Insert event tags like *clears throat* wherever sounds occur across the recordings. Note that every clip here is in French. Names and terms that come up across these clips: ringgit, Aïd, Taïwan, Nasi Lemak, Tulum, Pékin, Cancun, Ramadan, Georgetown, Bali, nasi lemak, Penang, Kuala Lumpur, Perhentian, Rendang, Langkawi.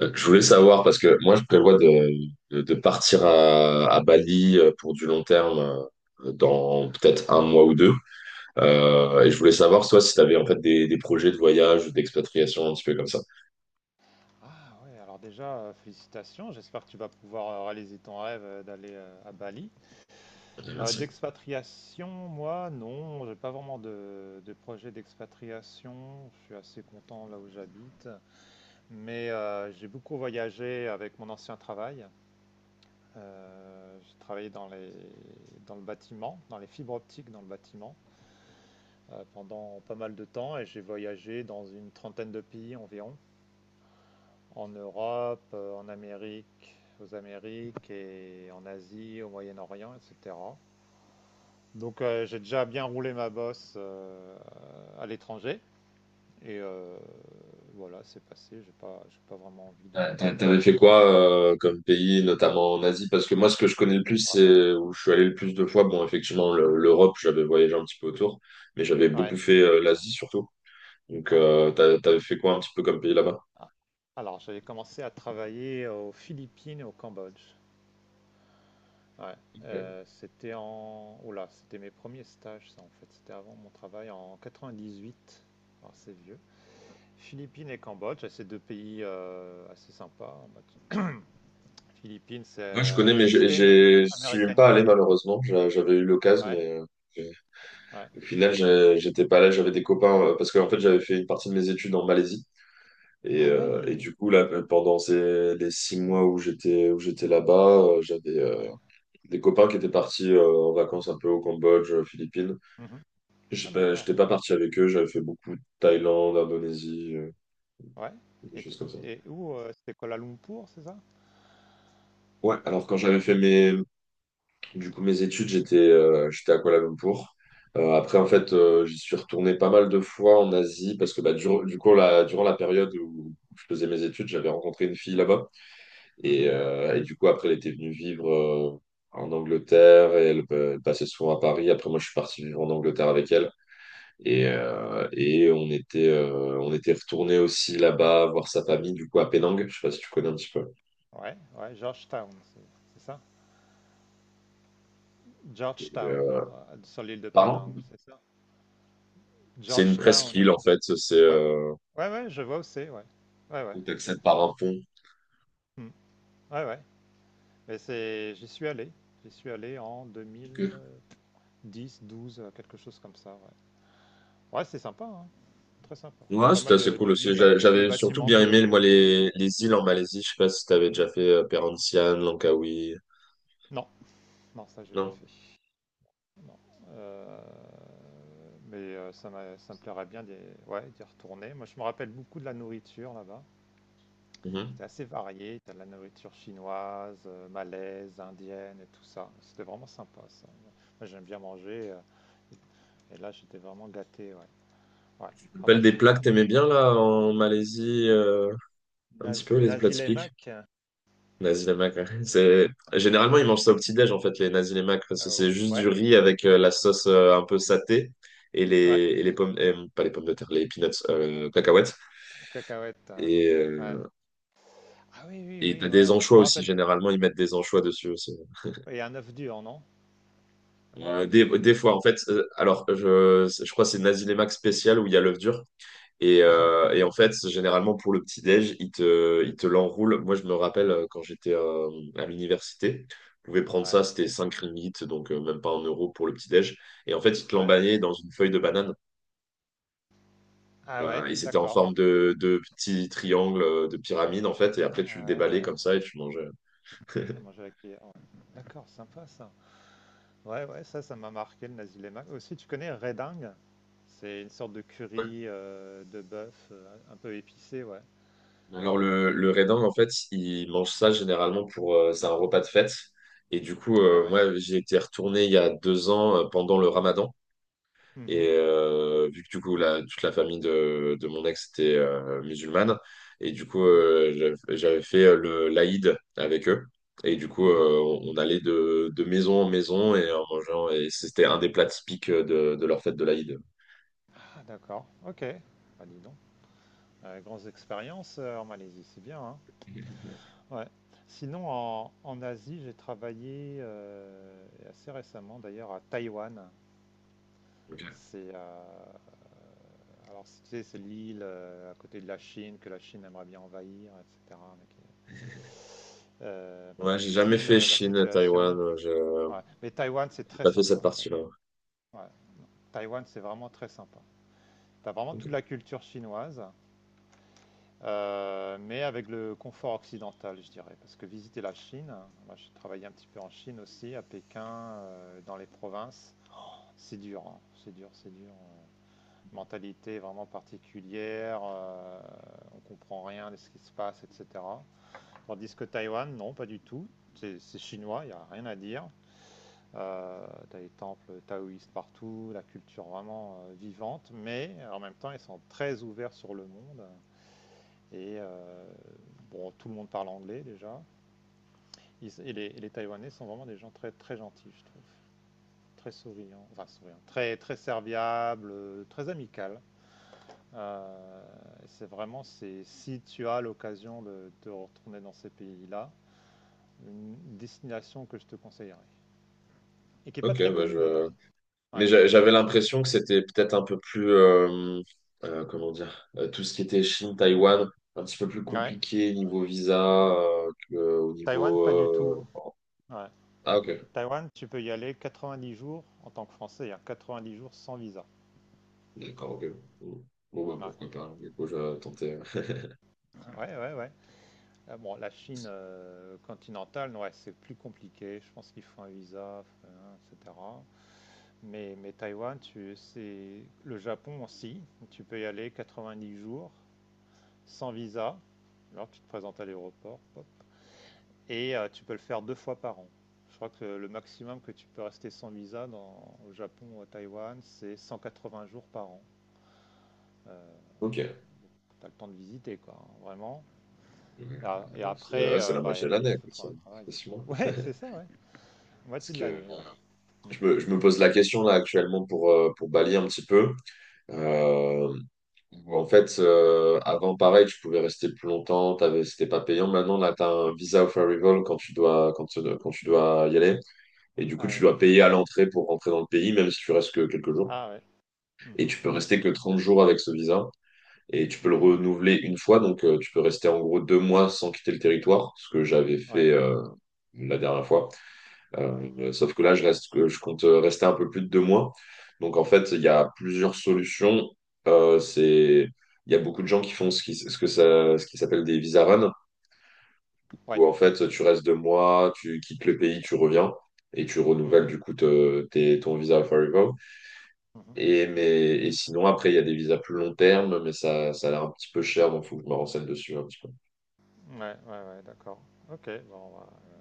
Je voulais savoir, parce que moi, je prévois de partir à Bali pour du long terme dans peut-être un mois ou deux. Ouais. Et je voulais savoir, toi, si tu avais en fait des projets de voyage, ou d'expatriation, un petit peu comme ça. Ah ouais, alors déjà, félicitations. J'espère que tu vas pouvoir réaliser ton rêve d'aller à Bali. Ok, merci. D'expatriation, moi, non, j'ai pas vraiment de projet d'expatriation. Je suis assez content là où j'habite. Mais j'ai beaucoup voyagé avec mon ancien travail. J'ai travaillé dans le bâtiment, dans les fibres optiques dans le bâtiment, pendant pas mal de temps et j'ai voyagé dans une trentaine de pays environ. En Europe, en Amérique, aux Amériques et en Asie, au Moyen-Orient, etc. Donc j'ai déjà bien roulé ma bosse à l'étranger et voilà, c'est passé. J'ai pas vraiment envie de. T'avais fait quoi comme pays, notamment en Asie? Parce que moi, ce que je connais le plus, Ouais, c'est où je suis allé le plus de fois. Bon, effectivement, l'Europe, j'avais voyagé un petit peu autour, mais j'avais beaucoup ouais, fait l'Asie surtout. Donc, ouais. T'avais fait quoi un petit peu comme pays là-bas? Ah. Alors j'avais commencé à travailler aux Philippines et au Cambodge. Ouais. C'était en. Oula, c'était mes premiers stages, ça en fait. C'était avant mon travail en 98. Alors c'est vieux. Philippines et Cambodge, c'est 2 pays, assez sympas. Bah, tu Philippines, Moi, je connais, mais c'est assez amé je suis pas allé américanisé. malheureusement. J'avais eu l'occasion, Ouais, mais j'ai- ouais au final, et j'étais pas là. J'avais des copains parce que en fait, j'avais fait une partie de mes études en Malaisie et, ah euh, et oui! du coup là, pendant les 6 mois où j'étais là-bas, j'avais Ouais. des copains qui étaient partis en vacances un peu au Cambodge, aux Philippines. Mmh. Je Ah pas, d'accord. J'étais pas parti avec eux. J'avais fait beaucoup de Thaïlande, Indonésie, Ouais des et tu choses comme ça. es où, c'était Kuala Lumpur, c'est ça? Ouais. Alors quand j'avais fait mes Du coup, mes études, j'étais à Kuala Lumpur. Après, en Ouais. fait, j'y suis retourné pas mal de fois en Asie parce que bah, du coup, durant la période où je faisais mes études, j'avais rencontré une fille là-bas. Et, Mmh. euh, et du coup, après, elle était venue vivre en Angleterre et elle passait souvent à Paris. Après, moi, je suis parti vivre en Angleterre avec elle. Ouais, Et, OK. euh, et on était retourné aussi là-bas voir sa famille, du coup, à Penang. Je sais pas si tu connais un petit peu. Ouais, ouais, Georgetown, c'est ça? Et, Georgetown, euh, sur l'île de Penang, Pardon? c'est ça? C'est une Georgetown, presqu'île, en fait. C'est, ouais. Ouais, ouais, je vois où c'est, ouais. Ouais, ouais. où tu accèdes par un pont. Mmh. Ouais, ouais. Mais c'est j'y suis allé. J'y suis allé en 2000, Ok. 10 12 quelque chose comme ça. Ouais, ouais c'est sympa, hein, très sympa. Il y a Ouais, pas c'était mal assez cool de vieux, aussi. Vieux J'avais surtout bâtiments bien aimé, moi, coloniaux. Les îles en Malaisie. Je sais pas si t'avais déjà fait Perhentian, Langkawi. Non, non, ça j'ai pas Non. fait. Non. Ça, ça me plairait bien d'y ouais, d'y retourner. Moi, je me rappelle beaucoup de la nourriture là-bas. Mhm. C'était assez varié. T'as de la nourriture chinoise, malaise, indienne et tout ça. C'était vraiment sympa, ça. Moi, j'aime bien manger, et là, j'étais vraiment gâté, ouais. Ouais. Tu te Ah bah, rappelles des c'est plats bien, que dis t'aimais donc. bien, là, en Malaisie, un petit peu, les plats Nazi typiques? Lemak, Nasi lemak, ouais. Généralement, ils mangent ça au petit-déj, en fait, les nasi lemak, parce que c'est juste ouais. du riz avec la sauce un peu satée et les, Ouais, et les pommes, pas les pommes de terre, les peanuts, cacahuètes. cacahuètes, Et, ouais. euh, Ah oui, oui, et t'as oui, des ouais, moi je anchois me aussi, rappelle. généralement, ils mettent des anchois dessus aussi. Et un œuf dur, non? Des fois, en fait, alors je crois que c'est Nazilémac spécial où il y a l'œuf dur. Et, Ah ouais, euh, et en fait, généralement pour le petit-déj, il te l'enroule. Moi, je me rappelle quand j'étais à l'université, je pouvais prendre ça, ouais, c'était 5 ringgit, donc même pas 1 euro pour le petit-déj. Et en fait, il te ouais. l'emballait dans une feuille de banane. Ah ouais, Et c'était en d'accord. forme de petit triangle, de pyramide, en fait. Et après, tu le Ah ouais, déballais ouais. comme ça et tu mangeais. À manger *laughs* à la cuillère, ouais. D'accord, sympa ça. Ouais, ouais, ça m'a marqué le nasi lemak. Aussi, tu connais redingue? C'est une sorte de curry de bœuf un peu épicé, ouais. Alors le raisin, en fait, il mange ça généralement pour... c'est un repas de fête. Et du coup, Ah ouais. moi, j'ai été retourné il y a 2 ans pendant le Ramadan. Mhm, Vu que du coup, toute la famille de mon ex était musulmane, et du coup, mhm, j'avais fait le l'Aïd avec eux. Et du coup, mhm. On allait de maison en maison et en mangeant. Et c'était un des plats typiques de leur fête de l'Aïd. Ah d'accord, ok. Bah dis donc. Grandes expériences en Malaisie, c'est bien, hein? Ouais. Sinon, en Asie, j'ai travaillé assez récemment d'ailleurs à Taïwan. Ok. C'est alors tu sais, c'est l'île à côté de la Chine que la Chine aimerait bien envahir, etc. mais qui est, un peu Ouais, j'ai jamais difficile fait la Chine, Taïwan. situation. Je Ouais. Mais Taïwan, c'est j'ai très pas fait sympa. cette Taïwan, partie-là. Ouais. Taïwan, c'est vraiment très sympa. T'as vraiment toute Ok. la culture chinoise. Mais avec le confort occidental, je dirais. Parce que visiter la Chine, moi j'ai travaillé un petit peu en Chine aussi, à Pékin, dans les provinces, c'est dur, hein. C'est dur. Mentalité vraiment particulière, on comprend rien de ce qui se passe, etc. Tandis que Taïwan, non, pas du tout. C'est chinois, il n'y a rien à dire. T'as les temples taoïstes partout, la culture vraiment vivante, mais en même temps ils sont très ouverts sur le monde. Et bon, tout le monde parle anglais déjà. Et les Taïwanais sont vraiment des gens très, très gentils, je trouve. Très souriants, enfin souriants, très, très serviables, très amicales. Euh, c'est vraiment, c'est, si tu as l'occasion de te retourner dans ces pays-là, une destination que je te conseillerais. Et qui n'est pas Ok, très connue d'ailleurs. Ouais. mais j'avais l'impression que c'était peut-être un peu plus, comment dire, tout ce qui était Chine, Taïwan, un petit peu plus Ouais. compliqué niveau visa, que, au Taïwan, niveau. pas du tout. Bon. Ouais. Ah ok, Taïwan, tu peux y aller 90 jours en tant que Français, hein, 90 jours sans visa. d'accord, ok. Bon, bon, bah, Ouais, pourquoi pas, du coup, je tentais. ouais, ouais, ouais. Ah bon, la Chine continentale, ouais, c'est plus compliqué. Je pense qu'il faut un visa, etc. Mais Taïwan, tu, c'est le Japon aussi. Tu peux y aller 90 jours sans visa. Alors tu te présentes à l'aéroport, pop, et tu peux le faire deux fois par an. Je crois que le maximum que tu peux rester sans visa dans, au Japon ou à Taïwan, c'est 20 jours par an. Euh, Ok, t'as le temps de visiter, quoi, hein, vraiment. ouais, Et, et après, c'est la bah, moitié de il l'année, faut quoi, ça, trouver un travail. c'est 6 mois. Ouais, *laughs* c'est ça, *laughs* ouais. Parce Moitié de que l'année, ouais. Mm. Je me pose la question là actuellement pour balayer un petit peu. Ouais. Euh, Où, en fait, avant, pareil, tu pouvais rester plus longtemps, c'était pas payant. Maintenant, là, tu as un visa of arrival quand tu dois y aller. Et du coup, Ah tu oui. dois payer à l'entrée pour rentrer dans le pays, même si tu restes que quelques jours. Ah ouais. Et Mhm. tu peux rester que 30 jours avec ce visa. Et tu peux le Mhm. renouveler une fois. Donc, tu peux rester en gros 2 mois sans quitter le territoire, ce que j'avais Ouais. fait la dernière fois. Ouais. Sauf que là, que je compte rester un peu plus de 2 mois. Donc en fait, il y a plusieurs solutions. Euh, c'est, il y a beaucoup de gens qui font ce qui, ce que ça, ce qui s'appelle des visa run, Ouais. où en fait, tu restes deux D'accord. mois, tu quittes le pays, tu reviens et tu renouvelles Mhm. du coup ton visa Forever. Mhm. Et sinon, après, il y a des visas plus long terme, mais ça a l'air un petit peu cher, donc il faut que je me renseigne dessus un petit peu. Ouais, ouais, ouais, d'accord. Ok, bon, bah, ouais.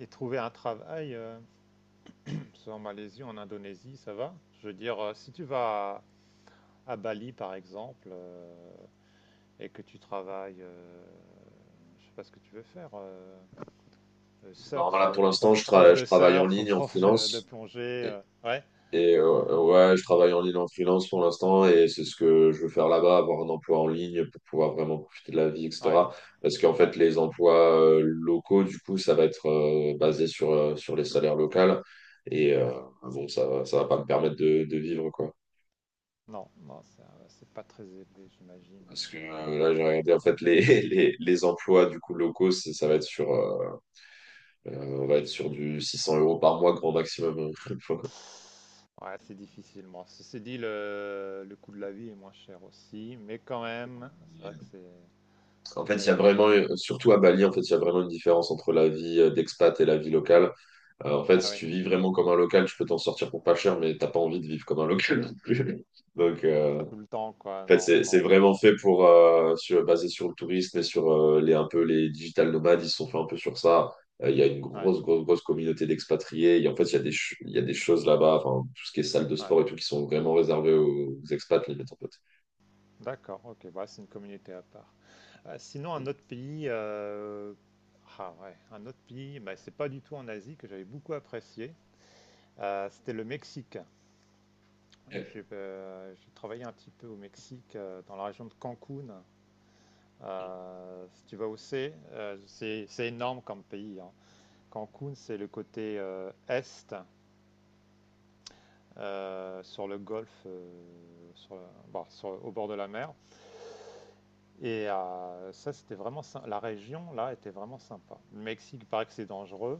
Et trouver un travail, *clears throat* soit en Malaisie, en Indonésie, ça va? Je veux dire, si tu vas à Bali, par exemple, et que tu travailles, je sais pas ce que tu veux faire, surf, Non, là, pour l'instant, prof je de travaille en surf ou ligne, en prof de freelance. plongée, ouais, Ouais, je travaille en ligne en freelance pour l'instant et c'est ce que je veux faire là-bas, avoir un emploi en ligne pour pouvoir vraiment profiter de la vie, ouais, etc. Parce qu'en ouais. fait, les emplois locaux, du coup, ça va être basé sur les salaires locaux. Et euh, Ah, bon, ça va pas me permettre de vivre, quoi. non, non, ça, c'est pas très élevé, j'imagine, Parce que là-bas. là, j'ai regardé, en fait, *laughs* les emplois, du coup, locaux, ça va être euh, on va être sur du 600 € par mois, grand maximum. *laughs* hein. Ouais, c'est difficile. Bon, ceci dit, le coût de la vie est moins cher aussi, mais quand même, c'est vrai que En fait, il y a c'est vraiment, pas beaucoup. Surtout à Bali, en fait, il y a vraiment une différence entre la vie d'expat et la vie locale. En fait, Ah si oui, tu vis vraiment comme un local, tu peux t'en sortir pour pas cher, mais t'as pas envie de vivre comme un *laughs* local non plus. *laughs* Donc, pas en tout le temps, quoi. fait, Non, c'est non. c'est vraiment fait basé sur le tourisme et sur un peu les digital nomades, ils se sont fait un peu sur ça. Il y a une Ouais, grosse, grosse, grosse communauté d'expatriés. Et en fait, il y a des choses là-bas, enfin, tout ce qui est salle de ouais. sport et tout, qui sont vraiment réservées aux expats, limite, en fait. D'accord, ok, bah, c'est une communauté à part. Sinon, un autre pays, ah ouais, un autre pays, bah, c'est pas du tout en Asie que j'avais beaucoup apprécié. C'était le Mexique. J'ai travaillé un petit peu au Mexique, dans la région de Cancun. Si tu vas où c'est énorme comme pays, hein. Cancun, c'est le côté est, sur le golfe, bon, au bord de la mer. Et ça, c'était vraiment la région là était vraiment sympa. Le Mexique, il paraît que c'est dangereux.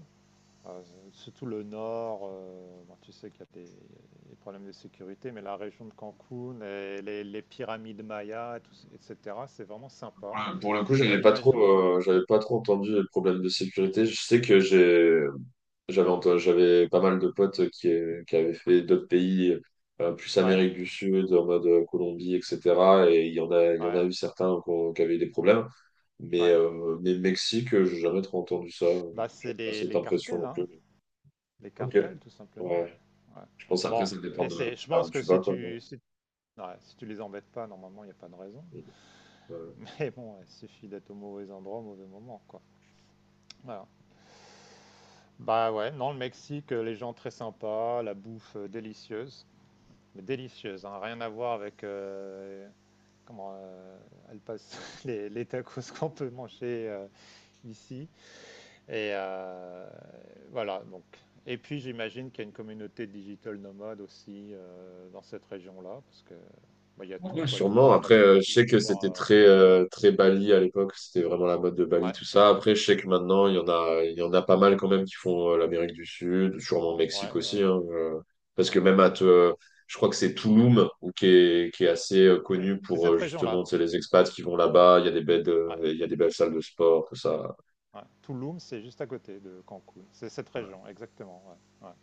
Euh, surtout le nord, bon, tu sais qu'il y a des problèmes de sécurité, mais la région de Cancun et les pyramides mayas, et tout, etc., c'est vraiment sympa. Ouais, pour le coup, J'imagine. J'avais pas trop entendu le problème de sécurité. Je sais que j'ai, j'avais, Ouais, ent- J'avais pas mal de potes qui avaient fait d'autres pays, plus ouais, Amérique du Sud, en mode Colombie, etc. Il y en a ouais, eu certains qui avaient eu des problèmes. Mais, ouais. euh, mais Mexique, j'ai jamais trop entendu ça. Bah, c'est J'ai pas cette les impression cartels, non hein. plus. Les Ok. cartels, tout simplement. Ouais. Ouais, ouais. Je pense après, Bon, ça dépend et c'est, de je là pense où que tu vas, si quoi. tu, si, ouais, si tu les embêtes pas, normalement, il n'y a pas de raison. *laughs* Mais bon, ouais, il suffit d'être au mauvais endroit, au mauvais moment, quoi. Voilà. Bah ouais, non, le Mexique, les gens très sympas, la bouffe délicieuse, mais délicieuse, hein, rien à voir avec comment elle passe *laughs* les tacos qu'on peut manger ici. Et voilà, donc. Et puis j'imagine qu'il y a une communauté digital nomade aussi dans cette région-là, parce que bah, il y a tout, Ouais, quoi. Il y a les sûrement. Après, je sais que infrastructures. c'était euh, très Bali à l'époque. C'était vraiment la mode de Bali, ouais, tout ça. Après, je sais que maintenant, il y en a pas mal quand même qui font l'Amérique du Sud, sûrement Mexique ouais, ouais, aussi, hein, parce que ouais, ouais. Je crois que c'est Tulum ou qui est assez Et connu c'est pour cette région-là. justement, tu sais, les expats qui vont là-bas. Ouais, Il y a des belles salles de sport, tout ça. ouais. Tulum, c'est juste à côté de Cancun. C'est cette Ouais. région, exactement. Ouais, ouais.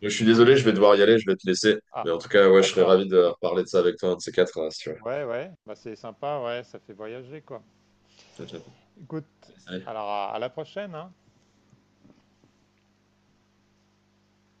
Je suis Tulum, désolé, je vais c'est devoir y aller, les. je vais te laisser. Mais Ah, en tout cas, ouais, je serais d'accord. ravi de reparler de ça avec toi, un de ces quatre, là, si tu veux. Ouais, ouais, bah c'est sympa, ouais, ça fait voyager quoi. Ciao, ciao. Écoute, alors à la prochaine, hein.